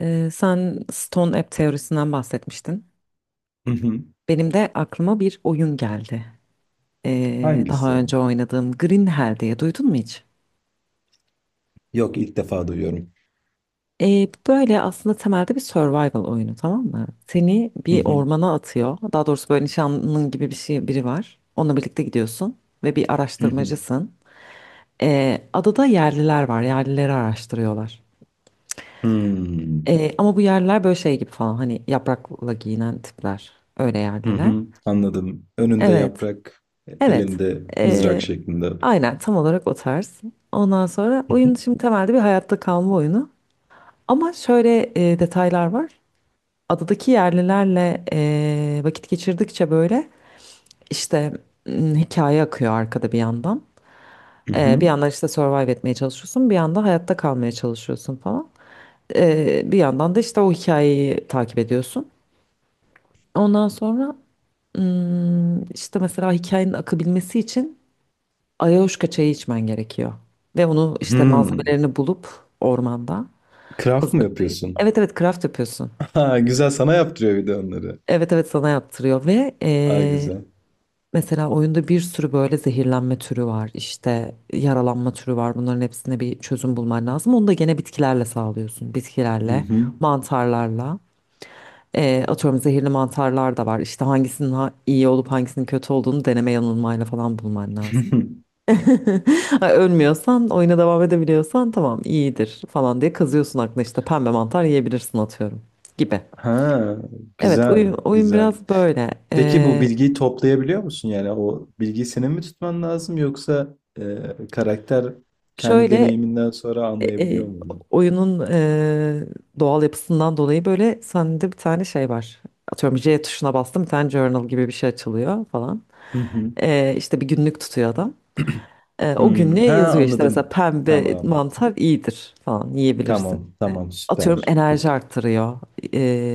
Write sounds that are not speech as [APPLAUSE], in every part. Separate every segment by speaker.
Speaker 1: Sen Stone App teorisinden bahsetmiştin.
Speaker 2: Hı hı.
Speaker 1: Benim de aklıma bir oyun geldi. Ee,
Speaker 2: Hangisi?
Speaker 1: daha önce oynadığım Green Hell diye duydun mu hiç?
Speaker 2: Yok, ilk defa duyuyorum.
Speaker 1: Böyle aslında temelde bir survival oyunu, tamam mı? Seni
Speaker 2: Hı
Speaker 1: bir
Speaker 2: hı.
Speaker 1: ormana atıyor. Daha doğrusu böyle nişanlının gibi bir şey, biri var. Onunla birlikte gidiyorsun ve bir
Speaker 2: Hı hı.
Speaker 1: araştırmacısın. Adada yerliler var. Yerlileri araştırıyorlar.
Speaker 2: Hmm.
Speaker 1: Ama bu yerliler böyle şey gibi falan, hani yaprakla giyinen tipler. Öyle
Speaker 2: Hı
Speaker 1: yerliler.
Speaker 2: hı. Anladım. Önünde
Speaker 1: Evet.
Speaker 2: yaprak,
Speaker 1: Evet.
Speaker 2: elinde mızrak
Speaker 1: Ee,
Speaker 2: şeklinde.
Speaker 1: aynen tam olarak o tarz. Ondan sonra
Speaker 2: Hı hı.
Speaker 1: oyun şimdi temelde bir hayatta kalma oyunu. Ama şöyle detaylar var. Adadaki yerlilerle vakit geçirdikçe böyle işte, hikaye akıyor arkada bir yandan.
Speaker 2: Hı
Speaker 1: Bir
Speaker 2: hı.
Speaker 1: yandan işte survive etmeye çalışıyorsun. Bir yandan hayatta kalmaya çalışıyorsun falan. Bir yandan da işte o hikayeyi takip ediyorsun. Ondan sonra işte mesela hikayenin akabilmesi için Ayahuasca çayı içmen gerekiyor. Ve onu işte
Speaker 2: Hmm.
Speaker 1: malzemelerini bulup ormanda
Speaker 2: Craft mı
Speaker 1: hazırlayıp.
Speaker 2: yapıyorsun? [LAUGHS]
Speaker 1: Evet evet, craft yapıyorsun.
Speaker 2: Ha, güzel, sana yaptırıyor bir de onları.
Speaker 1: Evet evet, sana yaptırıyor ve
Speaker 2: Aa, güzel.
Speaker 1: mesela oyunda bir sürü böyle zehirlenme türü var. İşte yaralanma türü var. Bunların hepsine bir çözüm bulman lazım. Onu da gene bitkilerle sağlıyorsun.
Speaker 2: Hı
Speaker 1: Bitkilerle,
Speaker 2: hı.
Speaker 1: mantarlarla. Atıyorum zehirli mantarlar da var. İşte hangisinin iyi olup hangisinin kötü olduğunu deneme yanılmayla falan bulman lazım.
Speaker 2: [LAUGHS]
Speaker 1: [LAUGHS] Ölmüyorsan, oyuna devam edebiliyorsan tamam iyidir falan diye kızıyorsun, aklına işte pembe mantar yiyebilirsin atıyorum gibi.
Speaker 2: Ha,
Speaker 1: Evet
Speaker 2: güzel,
Speaker 1: oyun, oyun
Speaker 2: güzel.
Speaker 1: biraz böyle.
Speaker 2: Peki bu
Speaker 1: Ee,
Speaker 2: bilgiyi toplayabiliyor musun? Yani o bilgiyi senin mi tutman lazım, yoksa karakter kendi
Speaker 1: şöyle
Speaker 2: deneyiminden sonra
Speaker 1: e, e,
Speaker 2: anlayabiliyor mu bunu?
Speaker 1: oyunun doğal yapısından dolayı böyle sende bir tane şey var. Atıyorum J tuşuna bastım, bir tane journal gibi bir şey açılıyor falan.
Speaker 2: Hı hı.
Speaker 1: İşte bir günlük tutuyor adam. O
Speaker 2: Hımm.
Speaker 1: günlüğe
Speaker 2: Ha,
Speaker 1: yazıyor işte, mesela
Speaker 2: anladım.
Speaker 1: pembe
Speaker 2: Tamam.
Speaker 1: mantar iyidir falan, yiyebilirsin
Speaker 2: Tamam, tamam,
Speaker 1: atıyorum
Speaker 2: süper.
Speaker 1: enerji
Speaker 2: Bak.
Speaker 1: arttırıyor,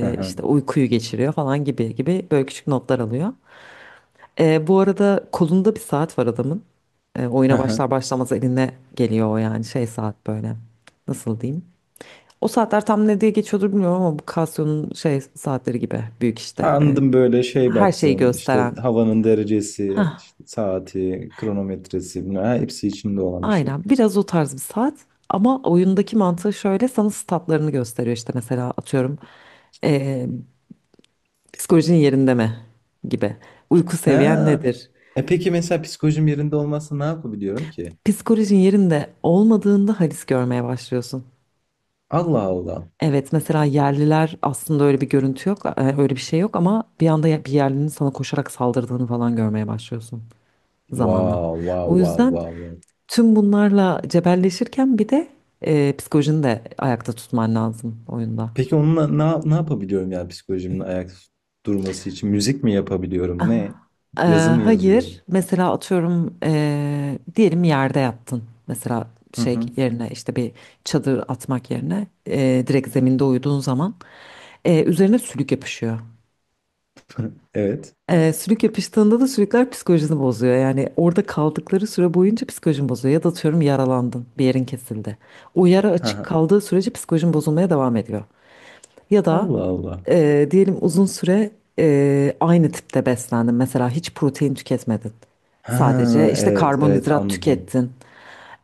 Speaker 2: Hı hı.
Speaker 1: işte uykuyu geçiriyor falan gibi gibi böyle küçük notlar alıyor. Bu arada kolunda bir saat var adamın. Eee,
Speaker 2: Hı
Speaker 1: oyuna
Speaker 2: hı.
Speaker 1: başlar başlamaz eline geliyor o, yani şey saat böyle. Nasıl diyeyim? O saatler tam ne diye geçiyordur bilmiyorum ama bu Casio'nun şey saatleri gibi büyük
Speaker 2: Ha,
Speaker 1: işte.
Speaker 2: anladım, böyle şey
Speaker 1: Her şeyi
Speaker 2: baktığın, işte,
Speaker 1: gösteren.
Speaker 2: havanın derecesi,
Speaker 1: Hah,
Speaker 2: işte, saati, kronometresi, bunlar ha, hepsi içinde olan bir şey.
Speaker 1: aynen biraz o tarz bir saat. Ama oyundaki mantığı şöyle, sana statlarını gösteriyor. İşte mesela atıyorum, e, Psikolojin yerinde mi? Gibi. Uyku seviyen
Speaker 2: Ha!
Speaker 1: nedir?
Speaker 2: E, peki mesela psikolojim yerinde olmazsa ne yapabiliyorum ki?
Speaker 1: Psikolojin yerinde olmadığında halis görmeye başlıyorsun.
Speaker 2: Allah Allah.
Speaker 1: Evet, mesela yerliler aslında öyle bir görüntü yok, öyle bir şey yok, ama bir anda bir yerlinin sana koşarak saldırdığını falan görmeye başlıyorsun zamanla.
Speaker 2: Wow, wow,
Speaker 1: O
Speaker 2: wow,
Speaker 1: yüzden
Speaker 2: wow, wow.
Speaker 1: tüm bunlarla cebelleşirken bir de psikolojini de ayakta tutman lazım oyunda.
Speaker 2: Peki onunla ne yapabiliyorum, yani psikolojimin ayakta durması için? Müzik mi yapabiliyorum? Ne?
Speaker 1: Ee,
Speaker 2: Yazı mı
Speaker 1: hayır.
Speaker 2: yazıyorum?
Speaker 1: Mesela atıyorum diyelim yerde yattın. Mesela
Speaker 2: Hı
Speaker 1: şey
Speaker 2: hı.
Speaker 1: yerine işte bir çadır atmak yerine direkt zeminde uyuduğun zaman üzerine sülük yapışıyor.
Speaker 2: Evet.
Speaker 1: Sülük yapıştığında da sülükler psikolojini bozuyor. Yani orada kaldıkları süre boyunca psikolojin bozuyor. Ya da atıyorum yaralandın, bir yerin kesildi. O yara
Speaker 2: Hı
Speaker 1: açık
Speaker 2: hı.
Speaker 1: kaldığı sürece psikolojin bozulmaya devam ediyor. Ya da
Speaker 2: Allah Allah.
Speaker 1: diyelim uzun süre aynı tipte beslendin. Mesela hiç protein tüketmedin. Sadece
Speaker 2: Ha,
Speaker 1: işte
Speaker 2: evet, evet,
Speaker 1: karbonhidrat
Speaker 2: anladım.
Speaker 1: tükettin.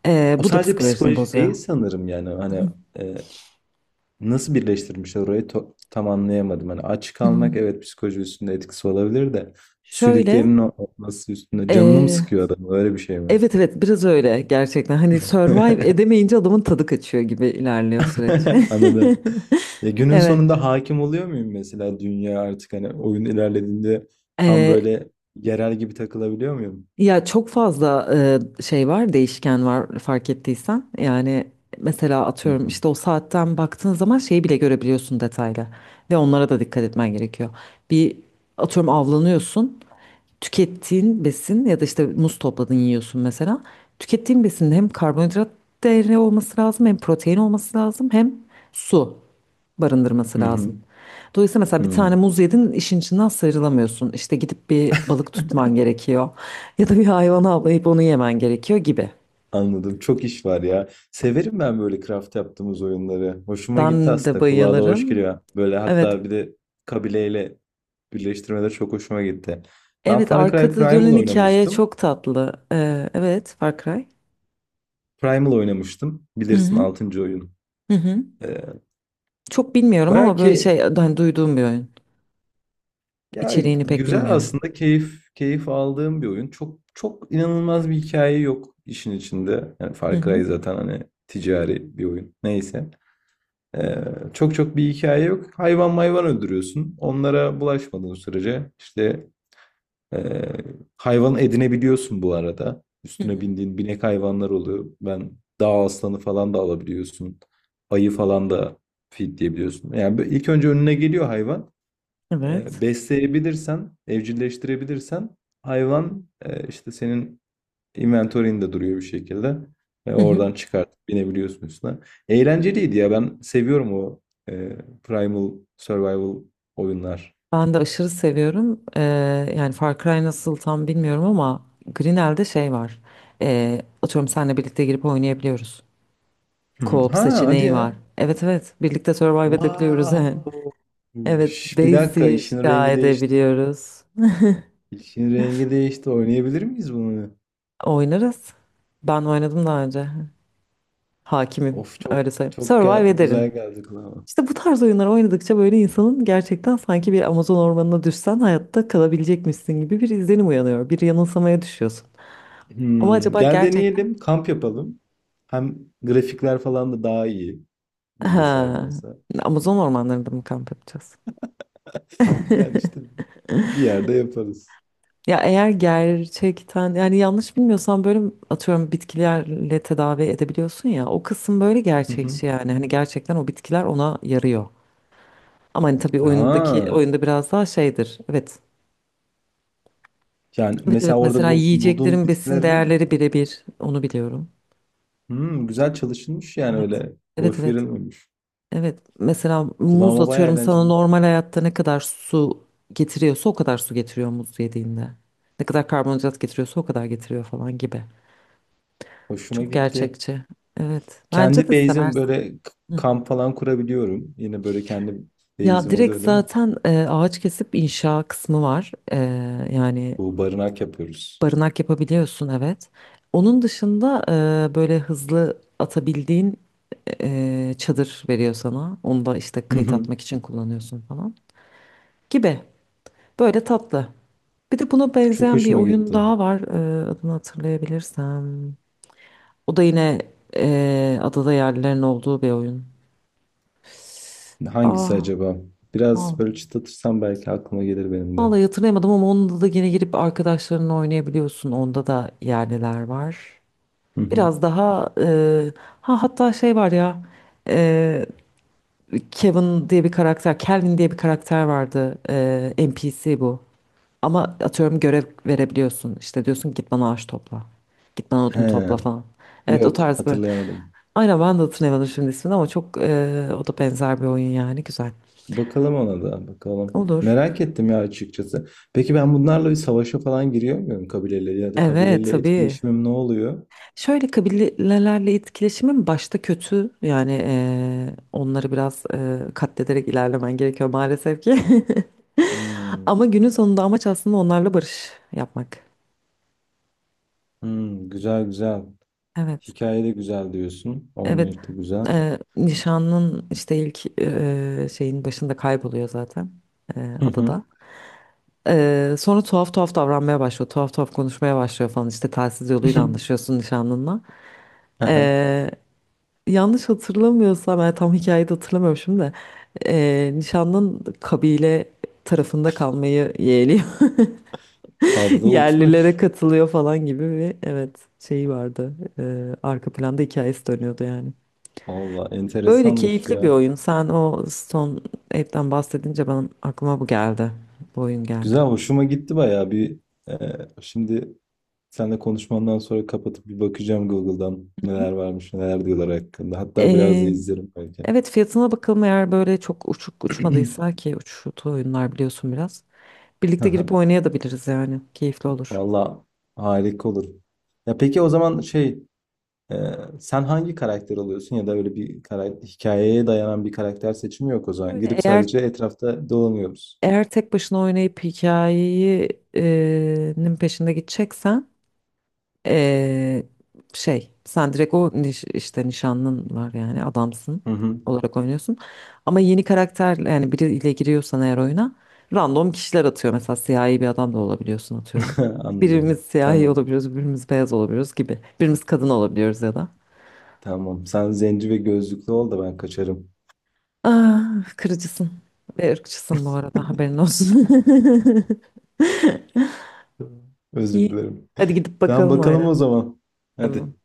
Speaker 1: E,
Speaker 2: O
Speaker 1: bu da
Speaker 2: sadece
Speaker 1: psikolojini
Speaker 2: psikoloji
Speaker 1: bozuyor.
Speaker 2: değil sanırım, yani hani, e, nasıl birleştirmiş orayı, to- tam anlayamadım. Hani aç kalmak, evet, psikoloji üstünde etkisi olabilir de
Speaker 1: Şöyle,
Speaker 2: sülüklerin o- olması üstünde canını mı
Speaker 1: e,
Speaker 2: sıkıyor adam, öyle bir şey mi?
Speaker 1: evet evet biraz öyle gerçekten. Hani survive
Speaker 2: [LAUGHS]
Speaker 1: edemeyince adamın tadı kaçıyor gibi ilerliyor süreç.
Speaker 2: Anladım. Ya
Speaker 1: [LAUGHS]
Speaker 2: günün
Speaker 1: Evet.
Speaker 2: sonunda hakim oluyor muyum mesela dünya artık, hani oyun ilerlediğinde tam
Speaker 1: E,
Speaker 2: böyle yerel gibi takılabiliyor muyum?
Speaker 1: ya çok fazla şey var, değişken var fark ettiysen. Yani mesela
Speaker 2: Hı
Speaker 1: atıyorum
Speaker 2: hı.
Speaker 1: işte o saatten baktığın zaman şeyi bile görebiliyorsun detaylı. Ve onlara da dikkat etmen gerekiyor. Bir atıyorum avlanıyorsun. Tükettiğin besin ya da işte muz topladın yiyorsun mesela. Tükettiğin besinde hem karbonhidrat değeri olması lazım, hem protein olması lazım, hem su barındırması
Speaker 2: Hı hı.
Speaker 1: lazım. Dolayısıyla mesela bir
Speaker 2: Hı.
Speaker 1: tane muz yedin, işin içinden sıyrılamıyorsun. İşte gidip bir balık tutman gerekiyor. Ya da bir hayvanı avlayıp onu yemen gerekiyor gibi.
Speaker 2: Anladım. Çok iş var ya. Severim ben böyle craft yaptığımız oyunları. Hoşuma gitti
Speaker 1: Ben de
Speaker 2: aslında. Kulağa da hoş
Speaker 1: bayılırım.
Speaker 2: geliyor. Böyle
Speaker 1: Evet.
Speaker 2: hatta bir de kabileyle birleştirmede çok hoşuma gitti. Ben
Speaker 1: Evet,
Speaker 2: Far Cry
Speaker 1: arkada
Speaker 2: Primal
Speaker 1: dönen hikaye
Speaker 2: oynamıştım.
Speaker 1: çok tatlı. Evet Far Cry.
Speaker 2: Primal oynamıştım.
Speaker 1: Hı
Speaker 2: Bilirsin,
Speaker 1: hı.
Speaker 2: 6. oyun.
Speaker 1: Hı hı.
Speaker 2: Ee,
Speaker 1: Çok bilmiyorum
Speaker 2: baya
Speaker 1: ama böyle şey,
Speaker 2: ki
Speaker 1: hani duyduğum bir oyun.
Speaker 2: ya,
Speaker 1: İçeriğini pek
Speaker 2: güzel
Speaker 1: bilmiyorum.
Speaker 2: aslında, keyif aldığım bir oyun. Çok çok inanılmaz bir hikaye yok işin içinde. Yani
Speaker 1: Hı
Speaker 2: Far
Speaker 1: hı.
Speaker 2: Cry zaten hani ticari bir oyun. Neyse. Ee, çok çok bir hikaye yok. Hayvan mayvan öldürüyorsun. Onlara bulaşmadığın sürece işte ee, hayvan edinebiliyorsun bu arada.
Speaker 1: Hı
Speaker 2: Üstüne
Speaker 1: hı.
Speaker 2: bindiğin binek hayvanlar oluyor. Ben dağ aslanı falan da alabiliyorsun. Ayı falan da feedleyebiliyorsun. Yani böyle ilk önce önüne geliyor hayvan.
Speaker 1: Evet.
Speaker 2: Besleyebilirsen, evcilleştirebilirsen hayvan, işte senin inventory'inde duruyor bir şekilde. Ve
Speaker 1: Hı
Speaker 2: oradan
Speaker 1: hı.
Speaker 2: çıkartıp binebiliyorsun üstüne. Eğlenceliydi ya, ben seviyorum o e, Primal Survival oyunlar.
Speaker 1: Ben de aşırı seviyorum. Yani Far Cry nasıl tam bilmiyorum ama Grinel'de şey var. Atıyorum seninle birlikte girip oynayabiliyoruz.
Speaker 2: Hı hı.
Speaker 1: Co-op
Speaker 2: Ha, hadi
Speaker 1: seçeneği var.
Speaker 2: ya.
Speaker 1: Evet evet, birlikte survive edebiliyoruz
Speaker 2: Wow.
Speaker 1: yani. [LAUGHS] Evet,
Speaker 2: Üş, bir
Speaker 1: base
Speaker 2: dakika işin
Speaker 1: inşa
Speaker 2: rengi değişti.
Speaker 1: edebiliyoruz.
Speaker 2: İşin rengi değişti. Oynayabilir miyiz bunu?
Speaker 1: Oynarız. Ben oynadım daha önce. Hakimim.
Speaker 2: Of, çok
Speaker 1: Öyle söyleyeyim.
Speaker 2: çok gel-
Speaker 1: Survive
Speaker 2: güzel
Speaker 1: ederim.
Speaker 2: geldi kulağıma.
Speaker 1: İşte bu tarz oyunlar oynadıkça böyle insanın gerçekten sanki bir Amazon ormanına düşsen hayatta kalabilecekmişsin gibi bir izlenim uyanıyor. Bir yanılsamaya düşüyorsun. Ama
Speaker 2: Hmm,
Speaker 1: acaba
Speaker 2: gel
Speaker 1: gerçekten,
Speaker 2: deneyelim, kamp yapalım. Hem grafikler falan da daha iyi
Speaker 1: ha,
Speaker 2: bilgisayardansa.
Speaker 1: Amazon ormanlarında mı kamp yapacağız? [LAUGHS]
Speaker 2: Yani işte bir yerde yaparız.
Speaker 1: Ya eğer gerçekten yani yanlış bilmiyorsam böyle atıyorum bitkilerle tedavi edebiliyorsun ya, o kısım böyle
Speaker 2: Hı hı.
Speaker 1: gerçekçi. Yani hani gerçekten o bitkiler ona yarıyor. Ama hani tabii oyundaki,
Speaker 2: Aa,
Speaker 1: oyunda biraz daha şeydir. Evet.
Speaker 2: yani
Speaker 1: Evet evet,
Speaker 2: mesela orada
Speaker 1: mesela
Speaker 2: bul- bulduğum
Speaker 1: yiyeceklerin besin
Speaker 2: bitkilerin,
Speaker 1: değerleri birebir onu biliyorum.
Speaker 2: hmm, güzel çalışılmış yani,
Speaker 1: Evet.
Speaker 2: öyle
Speaker 1: Evet
Speaker 2: boş
Speaker 1: evet.
Speaker 2: verilmemiş.
Speaker 1: Evet. Mesela muz
Speaker 2: Kulağıma bayağı
Speaker 1: atıyorum sana
Speaker 2: eğlenceli.
Speaker 1: normal hayatta ne kadar su getiriyorsa o kadar su getiriyor muz yediğinde. Ne kadar karbonhidrat getiriyorsa o kadar getiriyor falan gibi.
Speaker 2: Hoşuma
Speaker 1: Çok
Speaker 2: gitti.
Speaker 1: gerçekçi. Evet. Bence
Speaker 2: Kendi
Speaker 1: de
Speaker 2: base'im
Speaker 1: seversin.
Speaker 2: böyle k-
Speaker 1: Hı.
Speaker 2: kamp falan kurabiliyorum. Yine böyle kendi
Speaker 1: Ya
Speaker 2: base'im
Speaker 1: direkt
Speaker 2: oluyor değil mi?
Speaker 1: zaten ağaç kesip inşa kısmı var. E, yani
Speaker 2: Bu barınak yapıyoruz.
Speaker 1: barınak yapabiliyorsun evet. Onun dışında böyle hızlı atabildiğin çadır veriyor sana. Onu da işte
Speaker 2: Hı
Speaker 1: kayıt
Speaker 2: hı.
Speaker 1: atmak için kullanıyorsun falan gibi. Böyle tatlı. Bir de buna
Speaker 2: Çok
Speaker 1: benzeyen bir
Speaker 2: hoşuma
Speaker 1: oyun
Speaker 2: gitti.
Speaker 1: daha var. E, adını hatırlayabilirsem. O da yine adada yerlilerin olduğu bir oyun.
Speaker 2: Hangisi
Speaker 1: Ah,
Speaker 2: acaba? Biraz
Speaker 1: vallahi,
Speaker 2: böyle çıtlatırsam belki aklıma gelir benim de.
Speaker 1: vallahi hatırlayamadım, ama onda da yine girip arkadaşlarınla oynayabiliyorsun. Onda da yerliler var.
Speaker 2: Hı hı.
Speaker 1: Biraz daha ha, hatta şey var ya, e, Kevin diye bir karakter, Kelvin diye bir karakter vardı. E, NPC bu. Ama atıyorum görev verebiliyorsun. İşte diyorsun git bana ağaç topla. Git bana odun topla
Speaker 2: He,
Speaker 1: falan. Evet, o
Speaker 2: yok,
Speaker 1: tarz bir.
Speaker 2: hatırlayamadım.
Speaker 1: Aynen, ben de hatırlayamadım şimdi ismini ama çok o da benzer bir oyun yani, güzel.
Speaker 2: Bakalım, ona da bakalım.
Speaker 1: Olur.
Speaker 2: Merak ettim ya, açıkçası. Peki ben bunlarla bir savaşa falan giriyor muyum kabileyle, ya da
Speaker 1: Evet
Speaker 2: kabileyle
Speaker 1: tabii.
Speaker 2: etkileşimim ne oluyor?
Speaker 1: Şöyle, kabilelerle etkileşimin başta kötü. Yani onları biraz katlederek ilerlemen gerekiyor maalesef ki. [LAUGHS]
Speaker 2: Hmm,
Speaker 1: Ama günün sonunda amaç aslında onlarla barış yapmak.
Speaker 2: hmm, güzel güzel.
Speaker 1: Evet,
Speaker 2: Hikaye de güzel diyorsun.
Speaker 1: evet.
Speaker 2: Oynayış da güzel.
Speaker 1: Nişanın işte ilk şeyin başında kayboluyor zaten
Speaker 2: Hı hı.
Speaker 1: adada. Sonra tuhaf tuhaf davranmaya başlıyor, tuhaf tuhaf konuşmaya başlıyor falan, işte telsiz yoluyla anlaşıyorsun
Speaker 2: [LAUGHS]
Speaker 1: nişanlınla. Yanlış hatırlamıyorsam, yani tam hikayeyi de hatırlamıyorum şimdi de, nişanlın kabile tarafında kalmayı yeğliyor. [LAUGHS]
Speaker 2: Abla
Speaker 1: Yerlilere
Speaker 2: uçmuş.
Speaker 1: katılıyor falan gibi bir, evet, şeyi vardı. Arka planda hikayesi dönüyordu yani.
Speaker 2: Valla
Speaker 1: Böyle
Speaker 2: enteresanmış
Speaker 1: keyifli bir
Speaker 2: ya.
Speaker 1: oyun. Sen o Stone Ape'den bahsedince benim aklıma bu geldi. Bu oyun
Speaker 2: Güzel,
Speaker 1: geldi.
Speaker 2: hoşuma gitti bayağı bir. e, Şimdi seninle konuşmandan sonra kapatıp bir bakacağım Google'dan, neler varmış, neler diyorlar hakkında. Hatta biraz da
Speaker 1: Eee,
Speaker 2: izlerim belki.
Speaker 1: evet fiyatına bakalım, eğer böyle çok uçuk uçmadıysa, ki uçtu oyunlar biliyorsun biraz. Birlikte girip
Speaker 2: [CLEARS THROAT] [LAUGHS]
Speaker 1: oynayabiliriz yani. Keyifli olur.
Speaker 2: Valla harika olur. Ya peki o zaman şey, e, sen hangi karakter oluyorsun, ya da öyle bir karakter, hikayeye dayanan bir karakter seçimi yok o zaman.
Speaker 1: Öyle
Speaker 2: Girip
Speaker 1: eğer
Speaker 2: sadece etrafta dolanıyoruz.
Speaker 1: Eğer tek başına oynayıp hikayenin peşinde gideceksen eee, şey, sen direkt o işte nişanlın var, yani adamsın
Speaker 2: Hı hı.
Speaker 1: olarak oynuyorsun. Ama yeni karakter yani, biriyle giriyorsan eğer oyuna, random kişiler atıyor. Mesela siyahi bir adam da olabiliyorsun atıyorum.
Speaker 2: [LAUGHS] Anladım.
Speaker 1: Birimiz siyahi
Speaker 2: Tamam.
Speaker 1: olabiliyoruz, birimiz beyaz olabiliyoruz gibi. Birimiz kadın olabiliyoruz ya da.
Speaker 2: Tamam. Sen zenci ve gözlüklü ol da ben kaçarım.
Speaker 1: Ah, kırıcısın ve ırkçısın bu arada, haberin olsun. [LAUGHS]
Speaker 2: [LAUGHS] Özür
Speaker 1: İyi.
Speaker 2: dilerim.
Speaker 1: Hadi gidip
Speaker 2: Tamam,
Speaker 1: bakalım
Speaker 2: bakalım
Speaker 1: oyuna.
Speaker 2: o zaman.
Speaker 1: Tamam.
Speaker 2: Hadi.